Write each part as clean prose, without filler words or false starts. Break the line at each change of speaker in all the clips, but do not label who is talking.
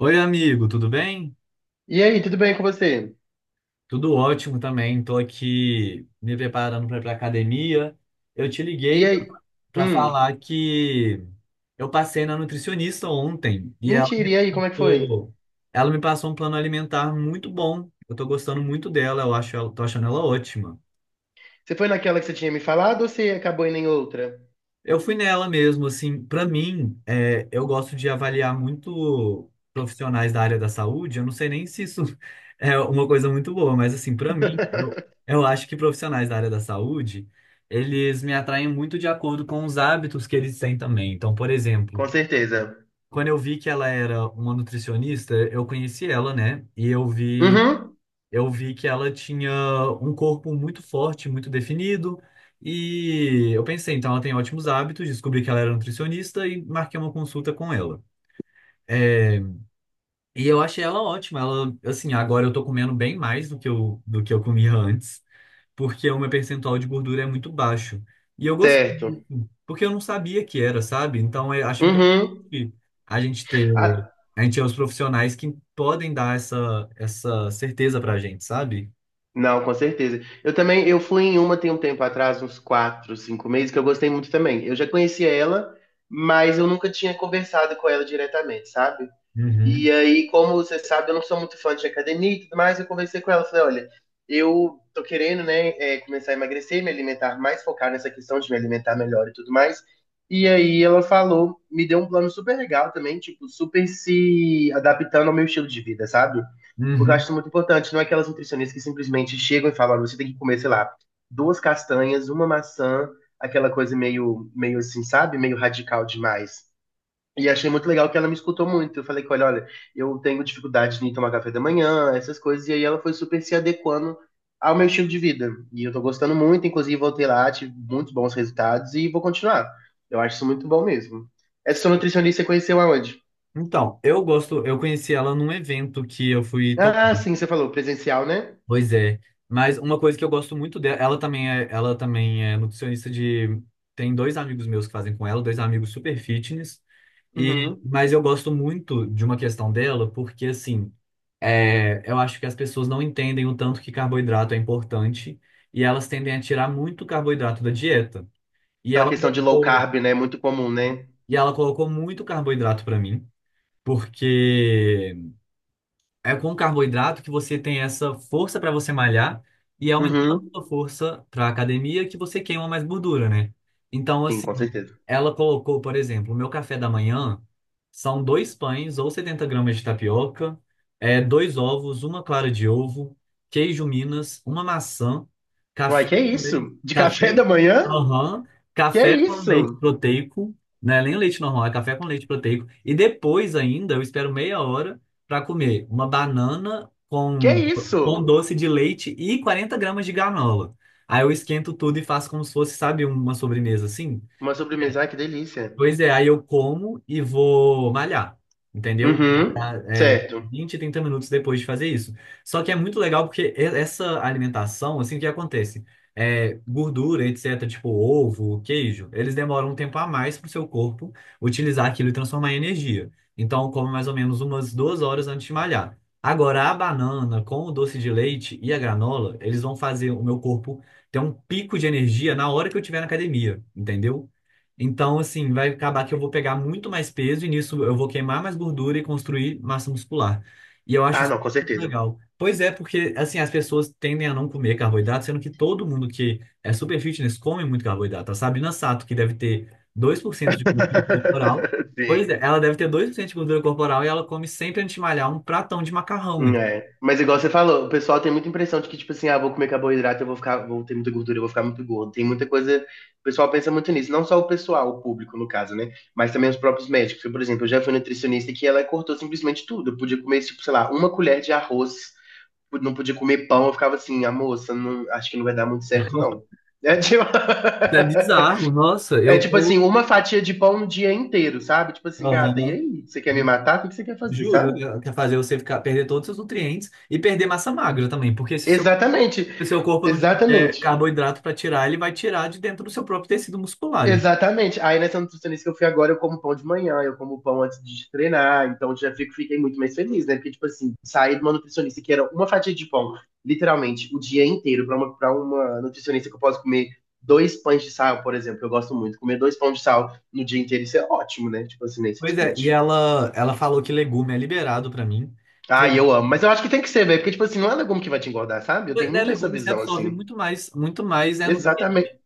Oi, amigo, tudo bem?
E aí, tudo bem com você?
Tudo ótimo também. Estou aqui me preparando para ir para academia. Eu te
E
liguei
aí?
para
Hum,
falar que eu passei na nutricionista ontem e ela me
mentira, e aí, como é que foi?
passou, ela me passou um plano alimentar muito bom. Eu estou gostando muito dela, eu acho, tô achando ela ótima.
Você foi naquela que você tinha me falado ou você acabou indo em outra?
Eu fui nela mesmo, assim, pra mim, eu gosto de avaliar muito profissionais da área da saúde. Eu não sei nem se isso é uma coisa muito boa, mas assim, pra mim, eu acho que profissionais da área da saúde, eles me atraem muito de acordo com os hábitos que eles têm também. Então, por exemplo,
Com certeza.
quando eu vi que ela era uma nutricionista, eu conheci ela, né? E eu vi
Uhum,
eu vi que ela tinha um corpo muito forte, muito definido, e eu pensei, então ela tem ótimos hábitos, descobri que ela era nutricionista e marquei uma consulta com ela. É, e eu achei ela ótima, ela, assim, agora eu tô comendo bem mais do que eu comia antes, porque o meu percentual de gordura é muito baixo. E eu gostei disso,
certo.
porque eu não sabia que era, sabe? Então eu acho
Uhum.
importante a gente ter,
Ah,
a gente é os profissionais que podem dar essa, essa certeza pra gente, sabe?
não, com certeza. Eu também, eu fui em uma tem um tempo atrás, uns quatro, cinco meses, que eu gostei muito também. Eu já conhecia ela, mas eu nunca tinha conversado com ela diretamente, sabe?
Uhum.
E aí, como você sabe, eu não sou muito fã de academia e tudo mais, eu conversei com ela, falei, olha, eu tô querendo, né, começar a emagrecer, me alimentar mais, focar nessa questão de me alimentar melhor e tudo mais. E aí ela falou, me deu um plano super legal também, tipo, super se adaptando ao meu estilo de vida, sabe? Porque eu acho
Uhum.
isso muito importante, não é aquelas nutricionistas que simplesmente chegam e falam, olha, você tem que comer, sei lá, duas castanhas, uma maçã, aquela coisa meio assim, sabe? Meio radical demais. E achei muito legal que ela me escutou muito. Eu falei com ela, olha, eu tenho dificuldade em tomar café da manhã, essas coisas. E aí ela foi super se adequando ao meu estilo de vida. E eu tô gostando muito, inclusive voltei lá, tive muitos bons resultados e vou continuar. Eu acho isso muito bom mesmo. Essa sua
Sim.
nutricionista você conheceu aonde?
Então, eu conheci ela num evento que eu fui
Ah,
tocar.
sim, você falou, presencial, né?
Pois é. Mas uma coisa que eu gosto muito dela, ela também é nutricionista de. Tem dois amigos meus que fazem com ela, dois amigos super fitness. E,
Uhum.
mas eu gosto muito de uma questão dela, porque assim, eu acho que as pessoas não entendem o tanto que carboidrato é importante e elas tendem a tirar muito carboidrato da dieta. E
Aquela
ela
questão de low
colocou,
carb, né? Muito comum, né?
e ela colocou muito carboidrato pra mim, porque é com carboidrato que você tem essa força para você malhar e é aumentando
Uhum.
a sua força para academia que você queima mais gordura, né? Então,
Sim,
assim,
com certeza.
ela colocou, por exemplo, o meu café da manhã são dois pães ou 70 gramas de tapioca, dois ovos, uma clara de ovo, queijo Minas, uma maçã,
Uai, que é
café com leite,
isso? De café
café,
da manhã?
aham,
Que é
café com leite
isso?
proteico, não é nem leite normal, é café com leite proteico. E depois ainda, eu espero meia hora para comer uma banana
Que é
com
isso?
doce de leite e 40 gramas de granola. Aí eu esquento tudo e faço como se fosse, sabe, uma sobremesa assim.
Uma sobremesa, ai, que delícia.
Pois é, aí eu como e vou malhar, entendeu? Vou
Uhum,
malhar.
certo.
20, 30 minutos depois de fazer isso. Só que é muito legal porque essa alimentação, assim, o que acontece? Gordura, etc., tipo ovo, queijo, eles demoram um tempo a mais para o seu corpo utilizar aquilo e transformar em energia. Então, eu como mais ou menos umas 2 horas antes de malhar. Agora, a banana com o doce de leite e a granola, eles vão fazer o meu corpo ter um pico de energia na hora que eu estiver na academia, entendeu? Então, assim, vai acabar que eu vou pegar muito mais peso e nisso eu vou queimar mais gordura e construir massa muscular. E eu acho
Ah,
isso
não, com
muito
certeza.
legal. Pois é, porque, assim, as pessoas tendem a não comer carboidrato, sendo que todo mundo que é super fitness come muito carboidrato. A Sabrina Sato, que deve ter 2% de gordura corporal, pois é,
Sim.
ela deve ter 2% de gordura corporal e ela come sempre antes de malhar um pratão de macarrão. Então,
É. Mas igual você falou, o pessoal tem muita impressão de que, tipo assim, ah, vou comer carboidrato, vou ter muita gordura, eu vou ficar muito gordo. Tem muita coisa. O pessoal pensa muito nisso. Não só o pessoal, o público, no caso, né? Mas também os próprios médicos. Eu, por exemplo, eu já fui nutricionista que ela cortou simplesmente tudo. Eu podia comer, tipo, sei lá, uma colher de arroz, não podia comer pão. Eu ficava assim, a moça, não, acho que não vai dar muito certo, não. É, tipo...
é bizarro, nossa,
É
eu
tipo assim,
tô.
uma fatia de pão no dia inteiro, sabe? Tipo assim, gata, e
Aham.
aí? Você quer me matar? O que que você quer fazer,
Juro,
sabe?
quer fazer você ficar, perder todos os seus nutrientes e perder massa magra também, porque se seu,
Exatamente,
se seu corpo não tiver
exatamente,
carboidrato para tirar, ele vai tirar de dentro do seu próprio tecido muscular. Hein?
exatamente. Aí nessa nutricionista que eu fui agora, eu como pão de manhã, eu como pão antes de treinar, então fiquei muito mais feliz, né? Porque, tipo assim, sair de uma nutricionista que era uma fatia de pão, literalmente, o dia inteiro, pra uma nutricionista que eu posso comer dois pães de sal, por exemplo, eu gosto muito, comer dois pães de sal no dia inteiro, isso é ótimo, né? Tipo assim, nem se
Pois é, e
discute.
ela falou que legume é liberado para mim.
Ah,
Feijão,
eu amo. Mas eu acho que tem que ser, velho. Porque, tipo assim, não é legume que vai te engordar, sabe? Eu tenho
né,
muito essa
legume você
visão,
absorve
assim.
muito mais, nutriente.
Exatamente.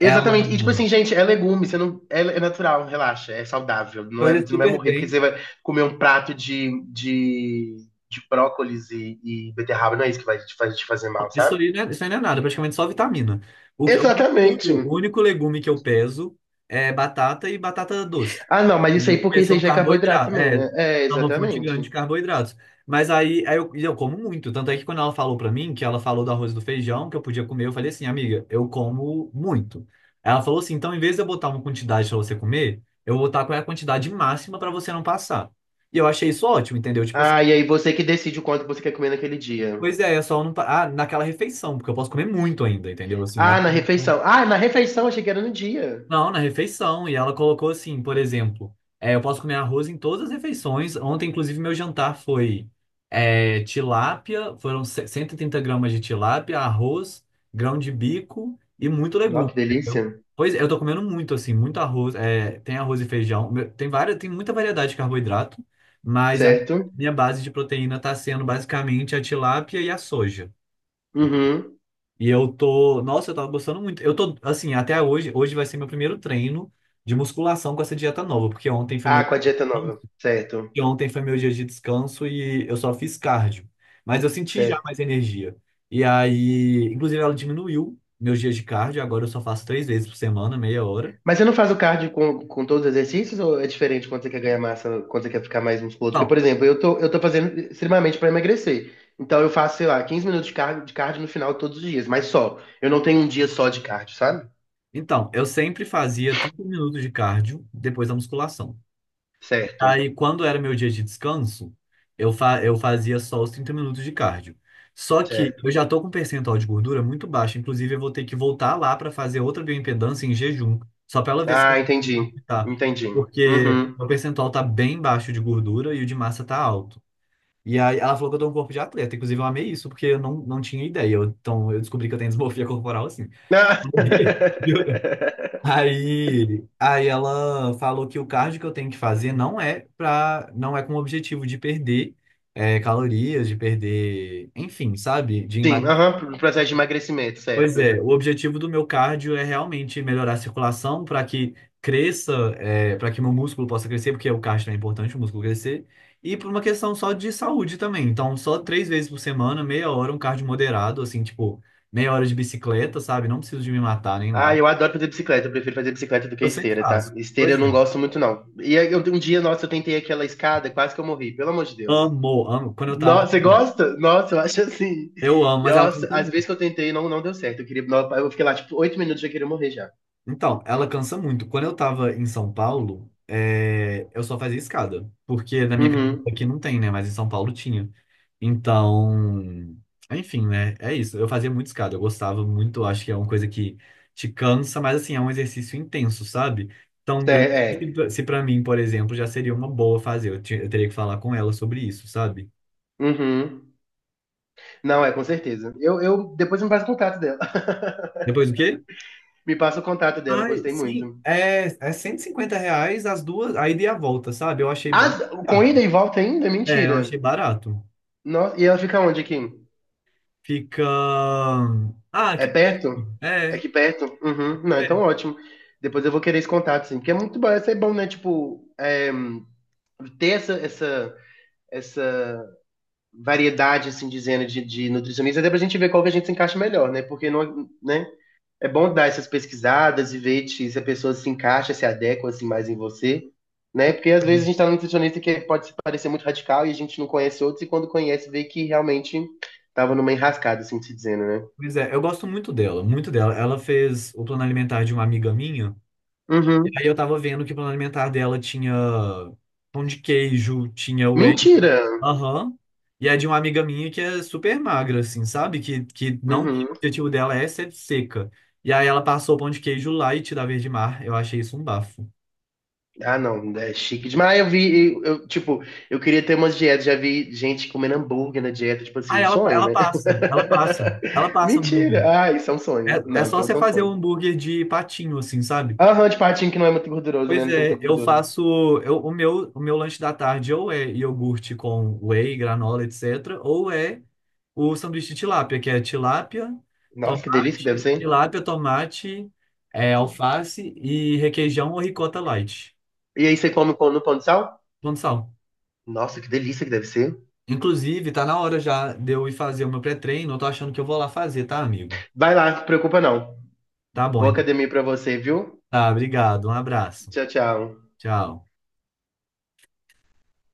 Exatamente. E, tipo assim, gente, é legume. Você não... É, é natural, relaxa. É saudável. Não é...
faz
Você não vai
super
morrer porque
bem.
você vai comer um prato de brócolis e beterraba. Não é isso que vai te fazer mal,
Isso
sabe?
aí, isso aí não é nada, praticamente só vitamina. O que, o único,
Exatamente.
o único legume que eu peso é batata e batata doce.
Ah, não. Mas isso aí,
Entendeu? Porque
porque isso aí
são
já é carboidrato
carboidratos.
também,
É, é
né? É,
uma fonte
exatamente.
grande de carboidratos. Mas aí eu como muito. Tanto é que quando ela falou pra mim, que ela falou do arroz e do feijão, que eu podia comer, eu falei assim, amiga, eu como muito. Ela falou assim, então em vez de eu botar uma quantidade pra você comer, eu vou botar qual é a quantidade máxima pra você não passar. E eu achei isso ótimo, entendeu? Tipo.
Ah, e aí você que decide o quanto você quer comer naquele dia.
Pois é, é só não. Ah, naquela refeição, porque eu posso comer muito ainda, entendeu? Assim, ela...
Ah, na
colocou-
refeição. Ah, na refeição. Achei que era no dia.
Não, na refeição. E ela colocou assim, por exemplo, eu posso comer arroz em todas as refeições. Ontem, inclusive, meu jantar foi tilápia, foram 130 gramas de tilápia, arroz, grão de bico e muito
Nossa,
legume,
que
entendeu?
delícia.
Pois é, eu tô comendo muito, assim, muito arroz. É, tem arroz e feijão, tem várias, tem muita variedade de carboidrato, mas a
Certo?
minha base de proteína tá sendo basicamente a tilápia e a soja.
Uhum.
E eu tô, nossa, eu tava gostando muito. Eu tô, assim, até hoje, hoje vai ser meu primeiro treino de musculação com essa dieta nova, porque ontem foi
Ah,
meu,
com a dieta nova. Certo.
e ontem foi meu dia de descanso e eu só fiz cardio. Mas eu senti já
Certo.
mais energia. E aí, inclusive ela diminuiu meus dias de cardio, agora eu só faço três vezes por semana, meia hora.
Mas você não faz o cardio com todos os exercícios ou é diferente quando você quer ganhar massa, quando você quer ficar mais musculoso? Porque,
Então,
por exemplo, eu tô fazendo extremamente para emagrecer. Então eu faço, sei lá, 15 minutos de cardio, no final todos os dias, mas só. Eu não tenho um dia só de cardio, sabe?
eu sempre fazia 30 minutos de cardio depois da musculação.
Certo.
Aí, quando era meu dia de descanso, eu fazia só os 30 minutos de cardio. Só que eu
Certo.
já tô com um percentual de gordura muito baixo. Inclusive, eu vou ter que voltar lá para fazer outra bioimpedância em jejum, só para ela ver se
Ah, entendi.
tá.
Entendi.
Porque
Uhum.
meu percentual tá bem baixo de gordura e o de massa tá alto. E aí, ela falou que eu tô com um corpo de atleta. Inclusive, eu amei isso, porque eu não tinha ideia. Então, eu descobri que eu tenho desmorfia corporal assim.
Ah.
Aí, ela falou que o cardio que eu tenho que fazer não é com o objetivo de perder calorias, de perder, enfim, sabe? De
Sim,
emagrecer.
aham, pro processo de emagrecimento,
Pois
certo.
é, o objetivo do meu cardio é realmente melhorar a circulação para que cresça, para que meu músculo possa crescer, porque o cardio é importante, o músculo crescer, e por uma questão só de saúde também. Então, só três vezes por semana, meia hora, um cardio moderado, assim, tipo, meia hora de bicicleta, sabe? Não preciso de me matar nem
Ah,
nada.
eu adoro fazer bicicleta. Eu prefiro fazer bicicleta do que
Eu sempre
esteira,
faço.
tá? Esteira
Pois
eu
é.
não gosto muito, não. E aí, eu, um dia, nossa, eu tentei aquela escada, quase que eu morri, pelo amor de Deus.
Amo, amo. Quando eu tava.
Nossa, você gosta? Nossa, eu acho assim.
Eu amo, mas ela
Nossa,
cansa
às
muito.
vezes que eu tentei, não, não deu certo. Eu queria, não, eu fiquei lá, tipo, 8 minutos já queria morrer já.
Então, ela cansa muito. Quando eu tava em São Paulo, eu só fazia escada. Porque na minha casa
Uhum.
aqui não tem, né? Mas em São Paulo tinha. Então, enfim, né? É isso. Eu fazia muito escada. Eu gostava muito. Acho que é uma coisa que te cansa, mas assim, é um exercício intenso, sabe? Então,
É, é.
se pra mim, por exemplo, já seria uma boa fazer. Eu teria que falar com ela sobre isso, sabe?
Uhum. Não, é, com certeza. Depois me passa o contato dela.
Depois o quê?
Me passa o contato dela, eu
Ai,
gostei
sim,
muito.
é R$ 150 as duas, a ida e a volta, sabe? Eu achei
Ah,
barato.
com ida e volta ainda?
É, eu achei
Mentira.
barato.
Nossa, e ela fica onde aqui?
Fica. Ah,
É
que pena.
perto? É
É,
aqui perto? Uhum. Não,
que
então ótimo. Depois eu vou querer esse contato, sim. Porque é muito bom, isso é bom, né? Tipo, é, ter essa variedade, assim, dizendo de nutricionista, até pra gente ver qual que a gente se encaixa melhor, né? Porque não, né? É bom dar essas pesquisadas e ver se a pessoa se encaixa, se adequa, assim, mais em você, né? Porque às vezes
pena.
a gente tá num nutricionista que pode se parecer muito radical e a gente não conhece outros, e quando conhece, vê que realmente tava numa enrascada, assim, se dizendo, né?
Pois é, eu gosto muito dela, muito dela. Ela fez o plano alimentar de uma amiga minha. E
Uhum.
aí eu tava vendo que o plano alimentar dela tinha pão de queijo, tinha whey.
Mentira!
Aham. E é de uma amiga minha que é super magra, assim, sabe? Que não, que
Uhum.
o objetivo dela é ser seca. E aí ela passou o pão de queijo lá e tira verde mar. Eu achei isso um bafo.
Ah, não, é chique demais. Ah, eu vi, tipo, eu queria ter umas dietas, já vi gente comendo hambúrguer na dieta, tipo
Ah,
assim, um
ela,
sonho,
ela
né?
passa, ela passa, ela passa
Mentira!
hambúrguer.
Ah, isso é um sonho.
É, é
Não,
só
então
você
isso é um
fazer o
sonho.
hambúrguer de patinho, assim, sabe?
Aham, de patinho que não é muito gorduroso, né?
Pois
Não tem muita
é, eu
gordura.
faço eu- o meu lanche da tarde ou é iogurte com whey, granola, etc, ou é o sanduíche de tilápia, que é
Nossa, que delícia que deve ser.
tilápia, tomate, é, alface e requeijão ou ricota light,
E aí você come no pão de sal?
plano sal.
Nossa, que delícia que deve ser.
Inclusive, tá na hora já de eu ir fazer o meu pré-treino, eu tô achando que eu vou lá fazer, tá, amigo?
Vai lá, não se preocupa não.
Tá bom,
Boa
então.
academia pra você, viu?
Tá, obrigado, um abraço.
Tchau, tchau.
Tchau.